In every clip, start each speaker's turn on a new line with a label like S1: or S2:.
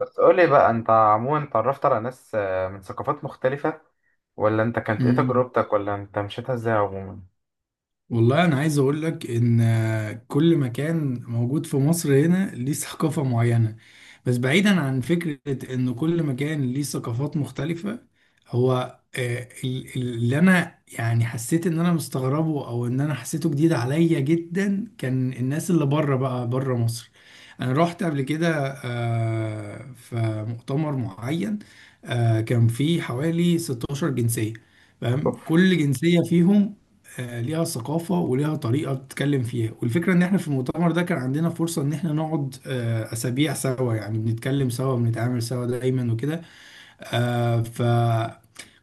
S1: بس قولي بقى، انت عموما اتعرفت على ناس من ثقافات مختلفة، ولا انت كانت ايه
S2: مم.
S1: تجربتك، ولا انت مشيتها ازاي عموما؟
S2: والله انا عايز اقول لك ان كل مكان موجود في مصر هنا ليه ثقافة معينة. بس بعيدا عن فكرة ان كل مكان ليه ثقافات مختلفة، هو اللي انا يعني حسيت ان انا مستغربه او ان انا حسيته جديد عليا جدا كان الناس اللي بره بقى بره مصر. انا رحت قبل كده في مؤتمر معين. كان فيه حوالي 16 جنسية. فاهم،
S1: اوف.
S2: كل جنسية فيهم ليها ثقافة وليها طريقة بتتكلم فيها، والفكرة ان احنا في المؤتمر ده كان عندنا فرصة ان احنا نقعد اسابيع سوا، يعني بنتكلم سوا بنتعامل سوا دايما وكده. آه، ف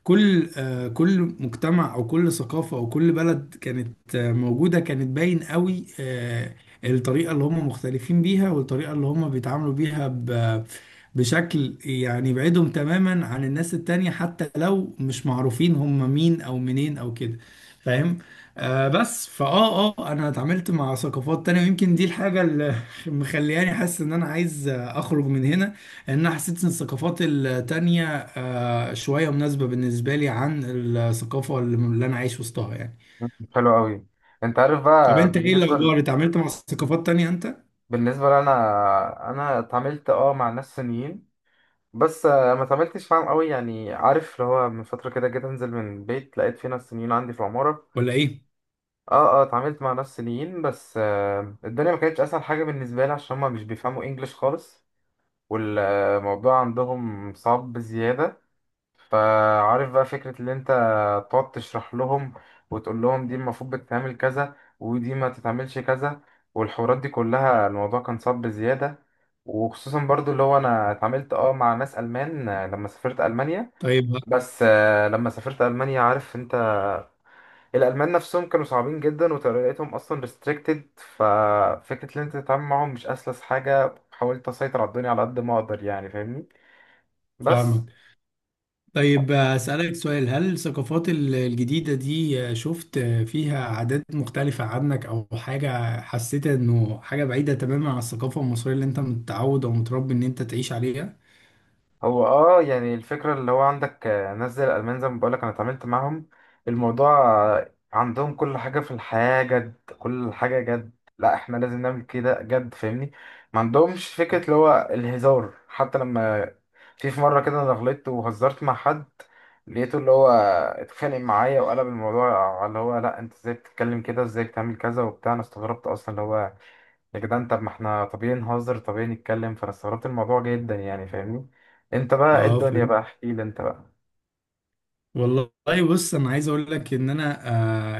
S2: كل مجتمع او كل ثقافه او كل بلد كانت موجوده كانت باين قوي، الطريقه اللي هم مختلفين بيها والطريقه اللي هم بيتعاملوا بيها بشكل يعني يبعدهم تماما عن الناس التانية، حتى لو مش معروفين هم مين او منين او كده. فاهم. بس فاه اه آه، انا اتعاملت مع ثقافات تانية، ويمكن دي الحاجة اللي مخلياني حاسس ان انا عايز اخرج من هنا، لان انا حسيت ان الثقافات التانية شوية مناسبة بالنسبة لي عن الثقافة اللي انا عايش وسطها يعني.
S1: حلو قوي. انت عارف
S2: طب
S1: بقى،
S2: انت ايه
S1: بالنسبة ل...
S2: الاخبار؟ اتعاملت مع ثقافات تانية انت
S1: بالنسبة لنا، انا اتعاملت مع ناس صينيين. بس ما اتعاملتش معاهم قوي، يعني عارف اللي هو، من فترة كده جيت انزل من البيت لقيت في ناس صينيين عندي في العمارة.
S2: ولا ايه؟
S1: اه اتعاملت مع ناس صينيين، بس الدنيا ما كانتش اسهل حاجة بالنسبة لي، عشان هما مش بيفهموا انجليش خالص. والموضوع عندهم صعب بزيادة. فعارف بقى فكرة اللي انت تقعد تشرح لهم، وتقول لهم دي المفروض بتتعمل كذا، ودي ما تتعملش كذا، والحوارات دي كلها الموضوع كان صعب بزيادة. وخصوصا برضو اللي هو انا اتعاملت مع ناس ألمان، لما سافرت ألمانيا.
S2: طيب.
S1: بس لما سافرت ألمانيا، عارف انت، الألمان نفسهم كانوا صعبين جدا، وطريقتهم أصلا restricted. ففكرة اللي انت تتعامل معاهم مش أسلس حاجة، حاولت أسيطر على الدنيا على قد ما أقدر، يعني فاهمني. بس.
S2: فاهمك. طيب، اسالك سؤال: هل الثقافات الجديدة دي شفت فيها عادات مختلفة عنك، او حاجة حسيت انه حاجة بعيدة تماما عن الثقافة المصرية اللي انت متعود او متربي ان انت تعيش عليها؟
S1: هو يعني الفكرة اللي هو، عندك ناس زي الألمان زي ما بقولك أنا اتعاملت معاهم. الموضوع عندهم كل حاجة في الحياة جد، كل حاجة جد. لا احنا لازم نعمل كده جد، فاهمني. ما عندهمش فكرة اللي هو الهزار. حتى لما في مرة كده أنا غلطت وهزرت مع حد، لقيته اللي هو اتخانق معايا، وقلب الموضوع على اللي هو: لا انت ازاي بتتكلم كده، ازاي بتعمل كذا وبتاع؟ انا استغربت اصلا اللي هو، يا جدعان طب ما احنا طبيعي نهزر، طبيعي نتكلم. فانا استغربت الموضوع جدا، يعني فاهمني. انت بقى ايه
S2: اه،
S1: الدنيا؟
S2: فهمت.
S1: بقى احكي لي انت بقى.
S2: والله بص انا عايز اقول لك ان انا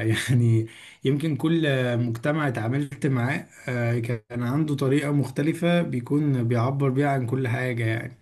S2: آه يعني يمكن كل مجتمع اتعاملت معاه كان عنده طريقة مختلفة بيكون بيعبر بيها عن كل حاجة يعني.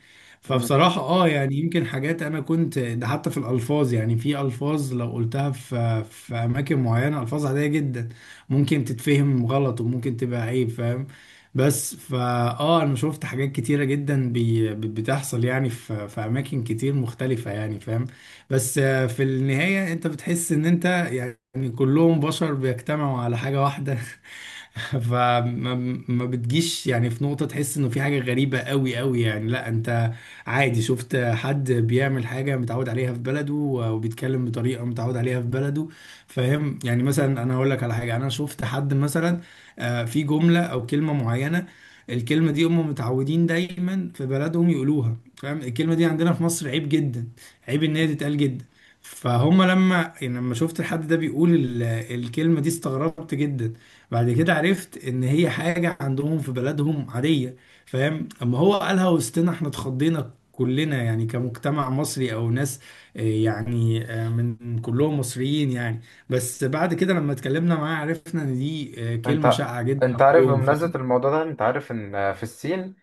S1: مم.
S2: فبصراحة اه يعني يمكن حاجات انا كنت ده حتى في الالفاظ، يعني في الفاظ لو قلتها في اماكن معينة، الفاظ عادية جدا ممكن تتفهم غلط وممكن تبقى عيب. فاهم. بس فا اه انا شفت حاجات كتيرة جدا بتحصل يعني في اماكن كتير مختلفة يعني. فاهم. بس في النهاية انت بتحس ان انت يعني كلهم بشر بيجتمعوا على حاجة واحدة فما ما بتجيش يعني في نقطة تحس انه في حاجة غريبة قوي قوي، يعني لا، انت عادي شفت حد بيعمل حاجة متعود عليها في بلده وبيتكلم بطريقة متعود عليها في بلده. فاهم. يعني مثلا انا هقول لك على حاجة: انا شفت حد مثلا في جملة او كلمة معينة، الكلمة دي هم متعودين دايما في بلدهم يقولوها. فاهم. الكلمة دي عندنا في مصر عيب جدا، عيب ان هي تتقال جدا. فهم لما يعني لما شفت الحد ده بيقول الكلمة دي استغربت جدا. بعد كده عرفت ان هي حاجة عندهم في بلدهم عادية. فاهم. اما هو قالها وسطنا احنا اتخضينا كلنا، يعني كمجتمع مصري او ناس من كلهم مصريين يعني. بس بعد كده لما اتكلمنا معاه عرفنا ان دي كلمة
S1: انت
S2: شائعة جدا
S1: انت عارف
S2: عندهم.
S1: بمناسبة
S2: فاهم.
S1: الموضوع ده، انت عارف ان في الصين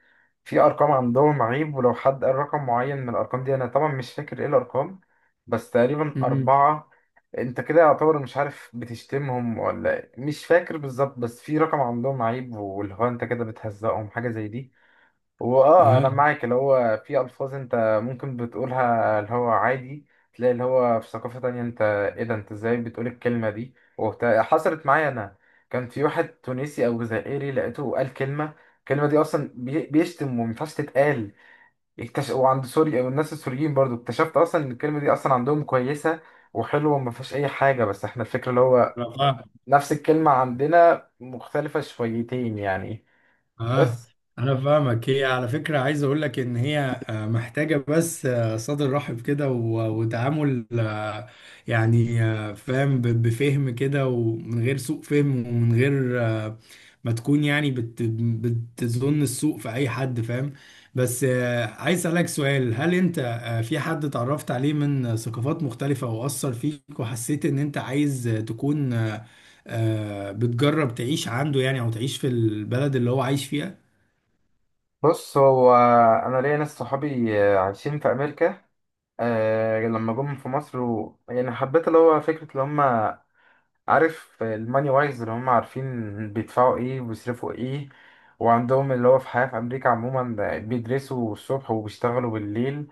S1: في ارقام عندهم عيب، ولو حد قال رقم معين من الارقام دي، انا طبعا مش فاكر ايه الارقام، بس تقريبا
S2: مم.
S1: اربعة. انت كده يعتبر مش عارف، بتشتمهم ولا إيه؟ مش فاكر بالظبط، بس في رقم عندهم عيب، واللي هو انت كده بتهزقهم، حاجة زي دي. هو انا معاك اللي هو، في الفاظ انت ممكن بتقولها اللي هو عادي، تلاقي اللي هو في ثقافة تانية، انت ايه ده؟ انت ازاي بتقول الكلمة دي وبتاع؟ حصلت معايا انا، كان في واحد تونسي او جزائري، لقيته قال كلمة، الكلمة دي اصلا بيشتم، ومينفعش تتقال. وعند سوريا والناس السوريين برضو اكتشفت اصلا ان الكلمة دي اصلا عندهم كويسة، وحلوة، وما فيهاش اي حاجة، بس احنا الفكرة اللي هو،
S2: اه
S1: نفس الكلمة عندنا مختلفة شويتين يعني.
S2: اه
S1: بس.
S2: انا فاهمك. هي على فكره عايز اقول لك ان هي محتاجه بس صدر رحب كده وتعامل، فاهم، بفهم كده ومن غير سوء فهم ومن غير ما تكون يعني بتظن السوء في اي حد. فاهم. بس عايز اسالك سؤال: هل انت في حد اتعرفت عليه من ثقافات مختلفه واثر فيك وحسيت ان انت عايز تكون بتجرب تعيش عنده، يعني او تعيش في البلد اللي هو عايش فيها؟
S1: بص هو انا ليا ناس صحابي عايشين في امريكا. لما جم في مصر يعني حبيت اللي هو فكره اللي هم، عارف، الماني وايز اللي هم عارفين بيدفعوا ايه وبيصرفوا ايه، وعندهم اللي هو في حياه في امريكا عموما بيدرسوا الصبح وبيشتغلوا بالليل.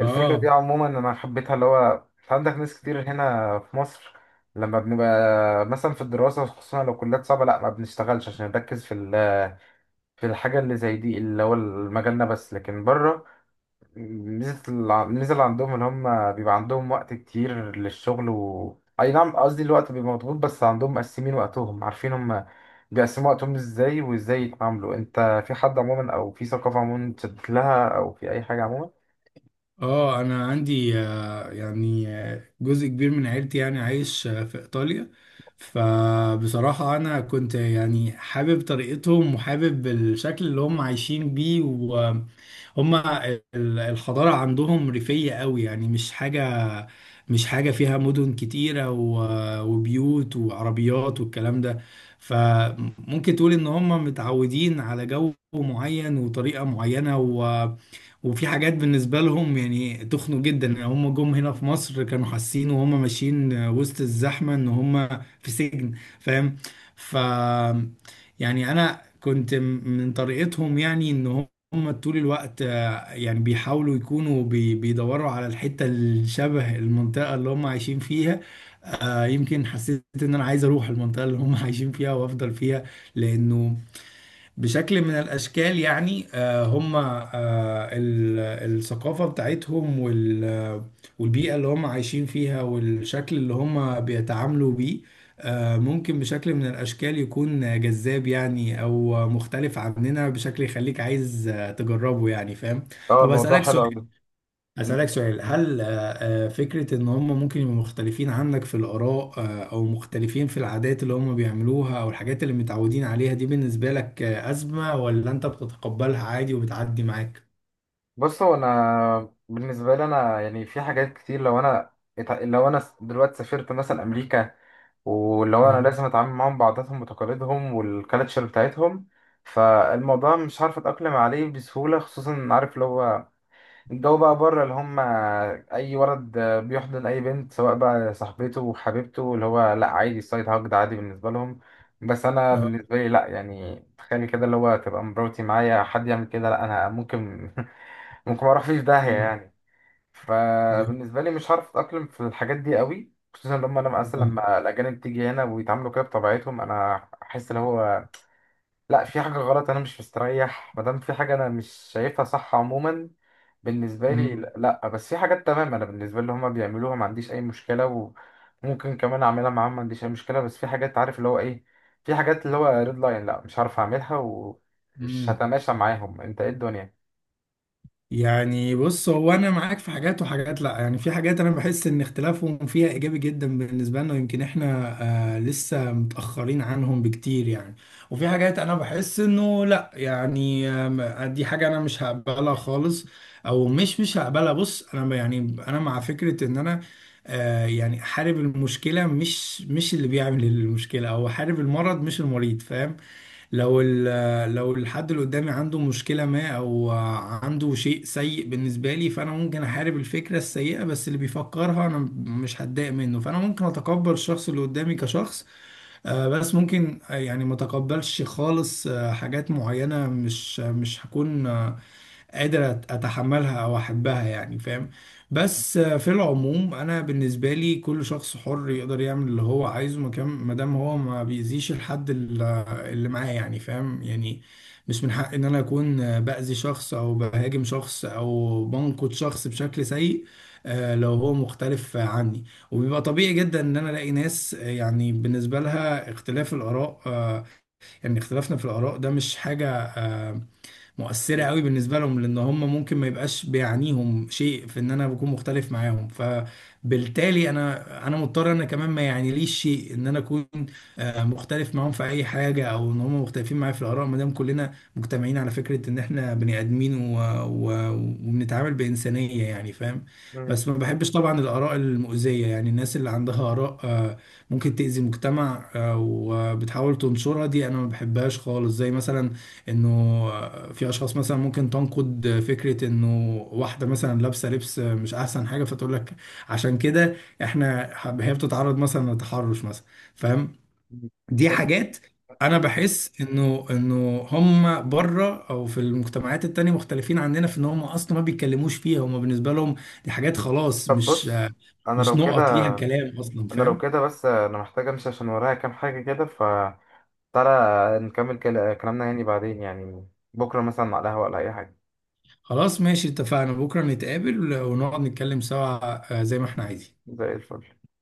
S1: الفكره دي
S2: اه
S1: عموما انا حبيتها اللي هو، عندك ناس كتير هنا في مصر، لما بنبقى مثلا في الدراسه، خصوصا لو كليات صعبه، لا ما بنشتغلش، عشان نركز في الحاجة اللي زي دي اللي هو مجالنا، بس لكن بره، الميزة اللي عندهم اللي هم بيبقى عندهم وقت كتير للشغل، و أي نعم قصدي الوقت بيبقى مضغوط، بس عندهم مقسمين وقتهم، عارفين هم بيقسموا وقتهم ازاي وازاي يتعاملوا. انت في حد عموما، او في ثقافة عموما تشدت لها، او في اي حاجة عموما؟
S2: اه انا عندي جزء كبير من عيلتي يعني عايش في ايطاليا. فبصراحة انا كنت يعني حابب طريقتهم وحابب الشكل اللي هم عايشين بيه، وهم الحضارة عندهم ريفية قوي، يعني مش حاجة فيها مدن كتيرة وبيوت وعربيات والكلام ده. فممكن تقول ان هم متعودين على جو معين وطريقة معينة. وفي حاجات بالنسبة لهم يعني تخنوا جدا، يعني هم جم هنا في مصر كانوا حاسين وهم ماشيين وسط الزحمة ان هم في سجن. فاهم. ف يعني انا كنت من طريقتهم، يعني ان هم طول الوقت يعني بيحاولوا يكونوا بيدوروا على الحتة الشبه المنطقة اللي هم عايشين فيها. يمكن حسيت ان انا عايز اروح المنطقة اللي هم عايشين فيها وافضل فيها، لانه بشكل من الأشكال يعني، ال- الثقافة بتاعتهم والبيئة اللي هم عايشين فيها والشكل اللي هم بيتعاملوا بيه ممكن بشكل من الأشكال يكون جذاب، يعني أو مختلف عننا بشكل يخليك عايز تجربه يعني. فاهم.
S1: اه،
S2: طب
S1: الموضوع
S2: أسألك
S1: حلو
S2: سؤال
S1: أوي.
S2: أسألك سؤال هل فكرة إن هم ممكن يبقوا مختلفين عنك في الآراء أو مختلفين في العادات اللي هم بيعملوها أو الحاجات اللي متعودين عليها، دي بالنسبة لك أزمة، ولا أنت بتتقبلها عادي وبتعدي معاك؟
S1: بص هو انا بالنسبه لي انا يعني، في حاجات كتير. لو انا لو انا دلوقتي سافرت مثلا امريكا، واللي هو انا
S2: اه.
S1: لازم اتعامل معاهم بعاداتهم وتقاليدهم والكالتشر بتاعتهم. فالموضوع مش عارف اتاقلم عليه بسهوله، خصوصا عارف اللي هو الجو بقى بره، اللي هم اي ولد بيحضن اي بنت، سواء بقى صاحبته وحبيبته. اللي هو لا عادي، السايد هاج ده عادي بالنسبه لهم. بس انا
S2: اه.
S1: بالنسبه لي لا، يعني تخيلي كده اللي هو تبقى مراتي معايا، حد يعمل كده، لا انا ممكن ما اروح فيه في داهية يعني.
S2: آه.
S1: فبالنسبة لي مش هعرف اتأقلم في الحاجات دي قوي، خصوصا لما انا اصلا
S2: أيوة.
S1: لما الاجانب تيجي هنا ويتعاملوا كده بطبيعتهم، انا احس اللي هو لا، في حاجة غلط، انا مش مستريح ما دام في حاجة انا مش شايفها صح عموما. بالنسبة لي
S2: أمم.
S1: لا، بس في حاجات تمام انا بالنسبة لي هما بيعملوها ما عنديش اي مشكلة، وممكن كمان اعملها معاهم، ما عنديش اي مشكلة، بس في حاجات، عارف اللي هو ايه؟ في حاجات اللي هو ريد لاين، لا مش هعرف اعملها ومش
S2: أمم.
S1: هتماشى معاهم. انت ايه الدنيا؟
S2: يعني بص هو انا معاك في حاجات، وحاجات لا. يعني في حاجات انا بحس ان اختلافهم فيها ايجابي جدا بالنسبه لنا، ويمكن احنا لسه متاخرين عنهم بكتير يعني. وفي حاجات انا بحس انه لا، يعني دي حاجه انا مش هقبلها خالص، او مش هقبلها. بص انا يعني انا مع فكره ان انا يعني احارب المشكله، مش اللي بيعمل المشكله، او احارب المرض مش المريض. فاهم. لو لو الحد اللي قدامي عنده مشكلة ما أو عنده شيء سيء بالنسبة لي، فأنا ممكن أحارب الفكرة السيئة بس اللي بيفكرها، أنا مش هتضايق منه، فأنا ممكن أتقبل الشخص اللي قدامي كشخص، بس ممكن يعني ما أتقبلش خالص حاجات معينة، مش هكون قادر اتحملها او احبها. يعني فاهم. بس في العموم انا بالنسبه لي كل شخص حر يقدر يعمل اللي هو عايزه مكان، ما دام هو ما بيأذيش الحد اللي معاه. يعني فاهم، يعني مش من حق ان انا اكون باذي شخص او بهاجم شخص او بنقد شخص بشكل سيء لو هو مختلف عني. وبيبقى طبيعي جدا ان انا الاقي ناس يعني بالنسبه لها اختلاف الاراء يعني اختلافنا في الاراء ده مش حاجه مؤثرة قوي بالنسبة لهم، لأن هم ممكن ما يبقاش بيعنيهم شيء في إن أنا بكون مختلف معاهم، فبالتالي أنا مضطر أنا كمان ما يعنيليش شيء إن أنا أكون مختلف معاهم في أي حاجة، أو إن هم مختلفين معايا في الآراء، ما دام كلنا مجتمعين على فكرة إن إحنا بني آدمين، و... و... وبنتعامل بإنسانية. يعني فاهم.
S1: مم.
S2: بس ما بحبش طبعا الآراء المؤذية، يعني الناس اللي عندها آراء ممكن تأذي المجتمع وبتحاول تنشرها، دي أنا ما بحبهاش خالص. زي مثلا انه في اشخاص مثلا ممكن تنقد فكره انه واحده مثلا لابسه لبس مش احسن حاجه، فتقول لك عشان كده احنا هي بتتعرض مثلا لتحرش مثلا. فاهم.
S1: مم.
S2: دي حاجات
S1: طب
S2: انا بحس انه هم بره او في المجتمعات التانية مختلفين عننا في ان هم اصلا ما بيتكلموش فيها، هم بالنسبه لهم دي حاجات خلاص مش
S1: بص، انا
S2: مش
S1: لو كده
S2: نقط ليها كلام اصلا.
S1: انا لو
S2: فاهم.
S1: كده بس انا محتاج امشي، عشان ورايا كام حاجه كده، فتعالى نكمل كلامنا يعني بعدين، يعني بكره مثلا على القهوه، ولا اي حاجه.
S2: خلاص ماشي، اتفقنا، بكره نتقابل ونقعد نتكلم سوا زي ما احنا عايزين.
S1: زي الفل.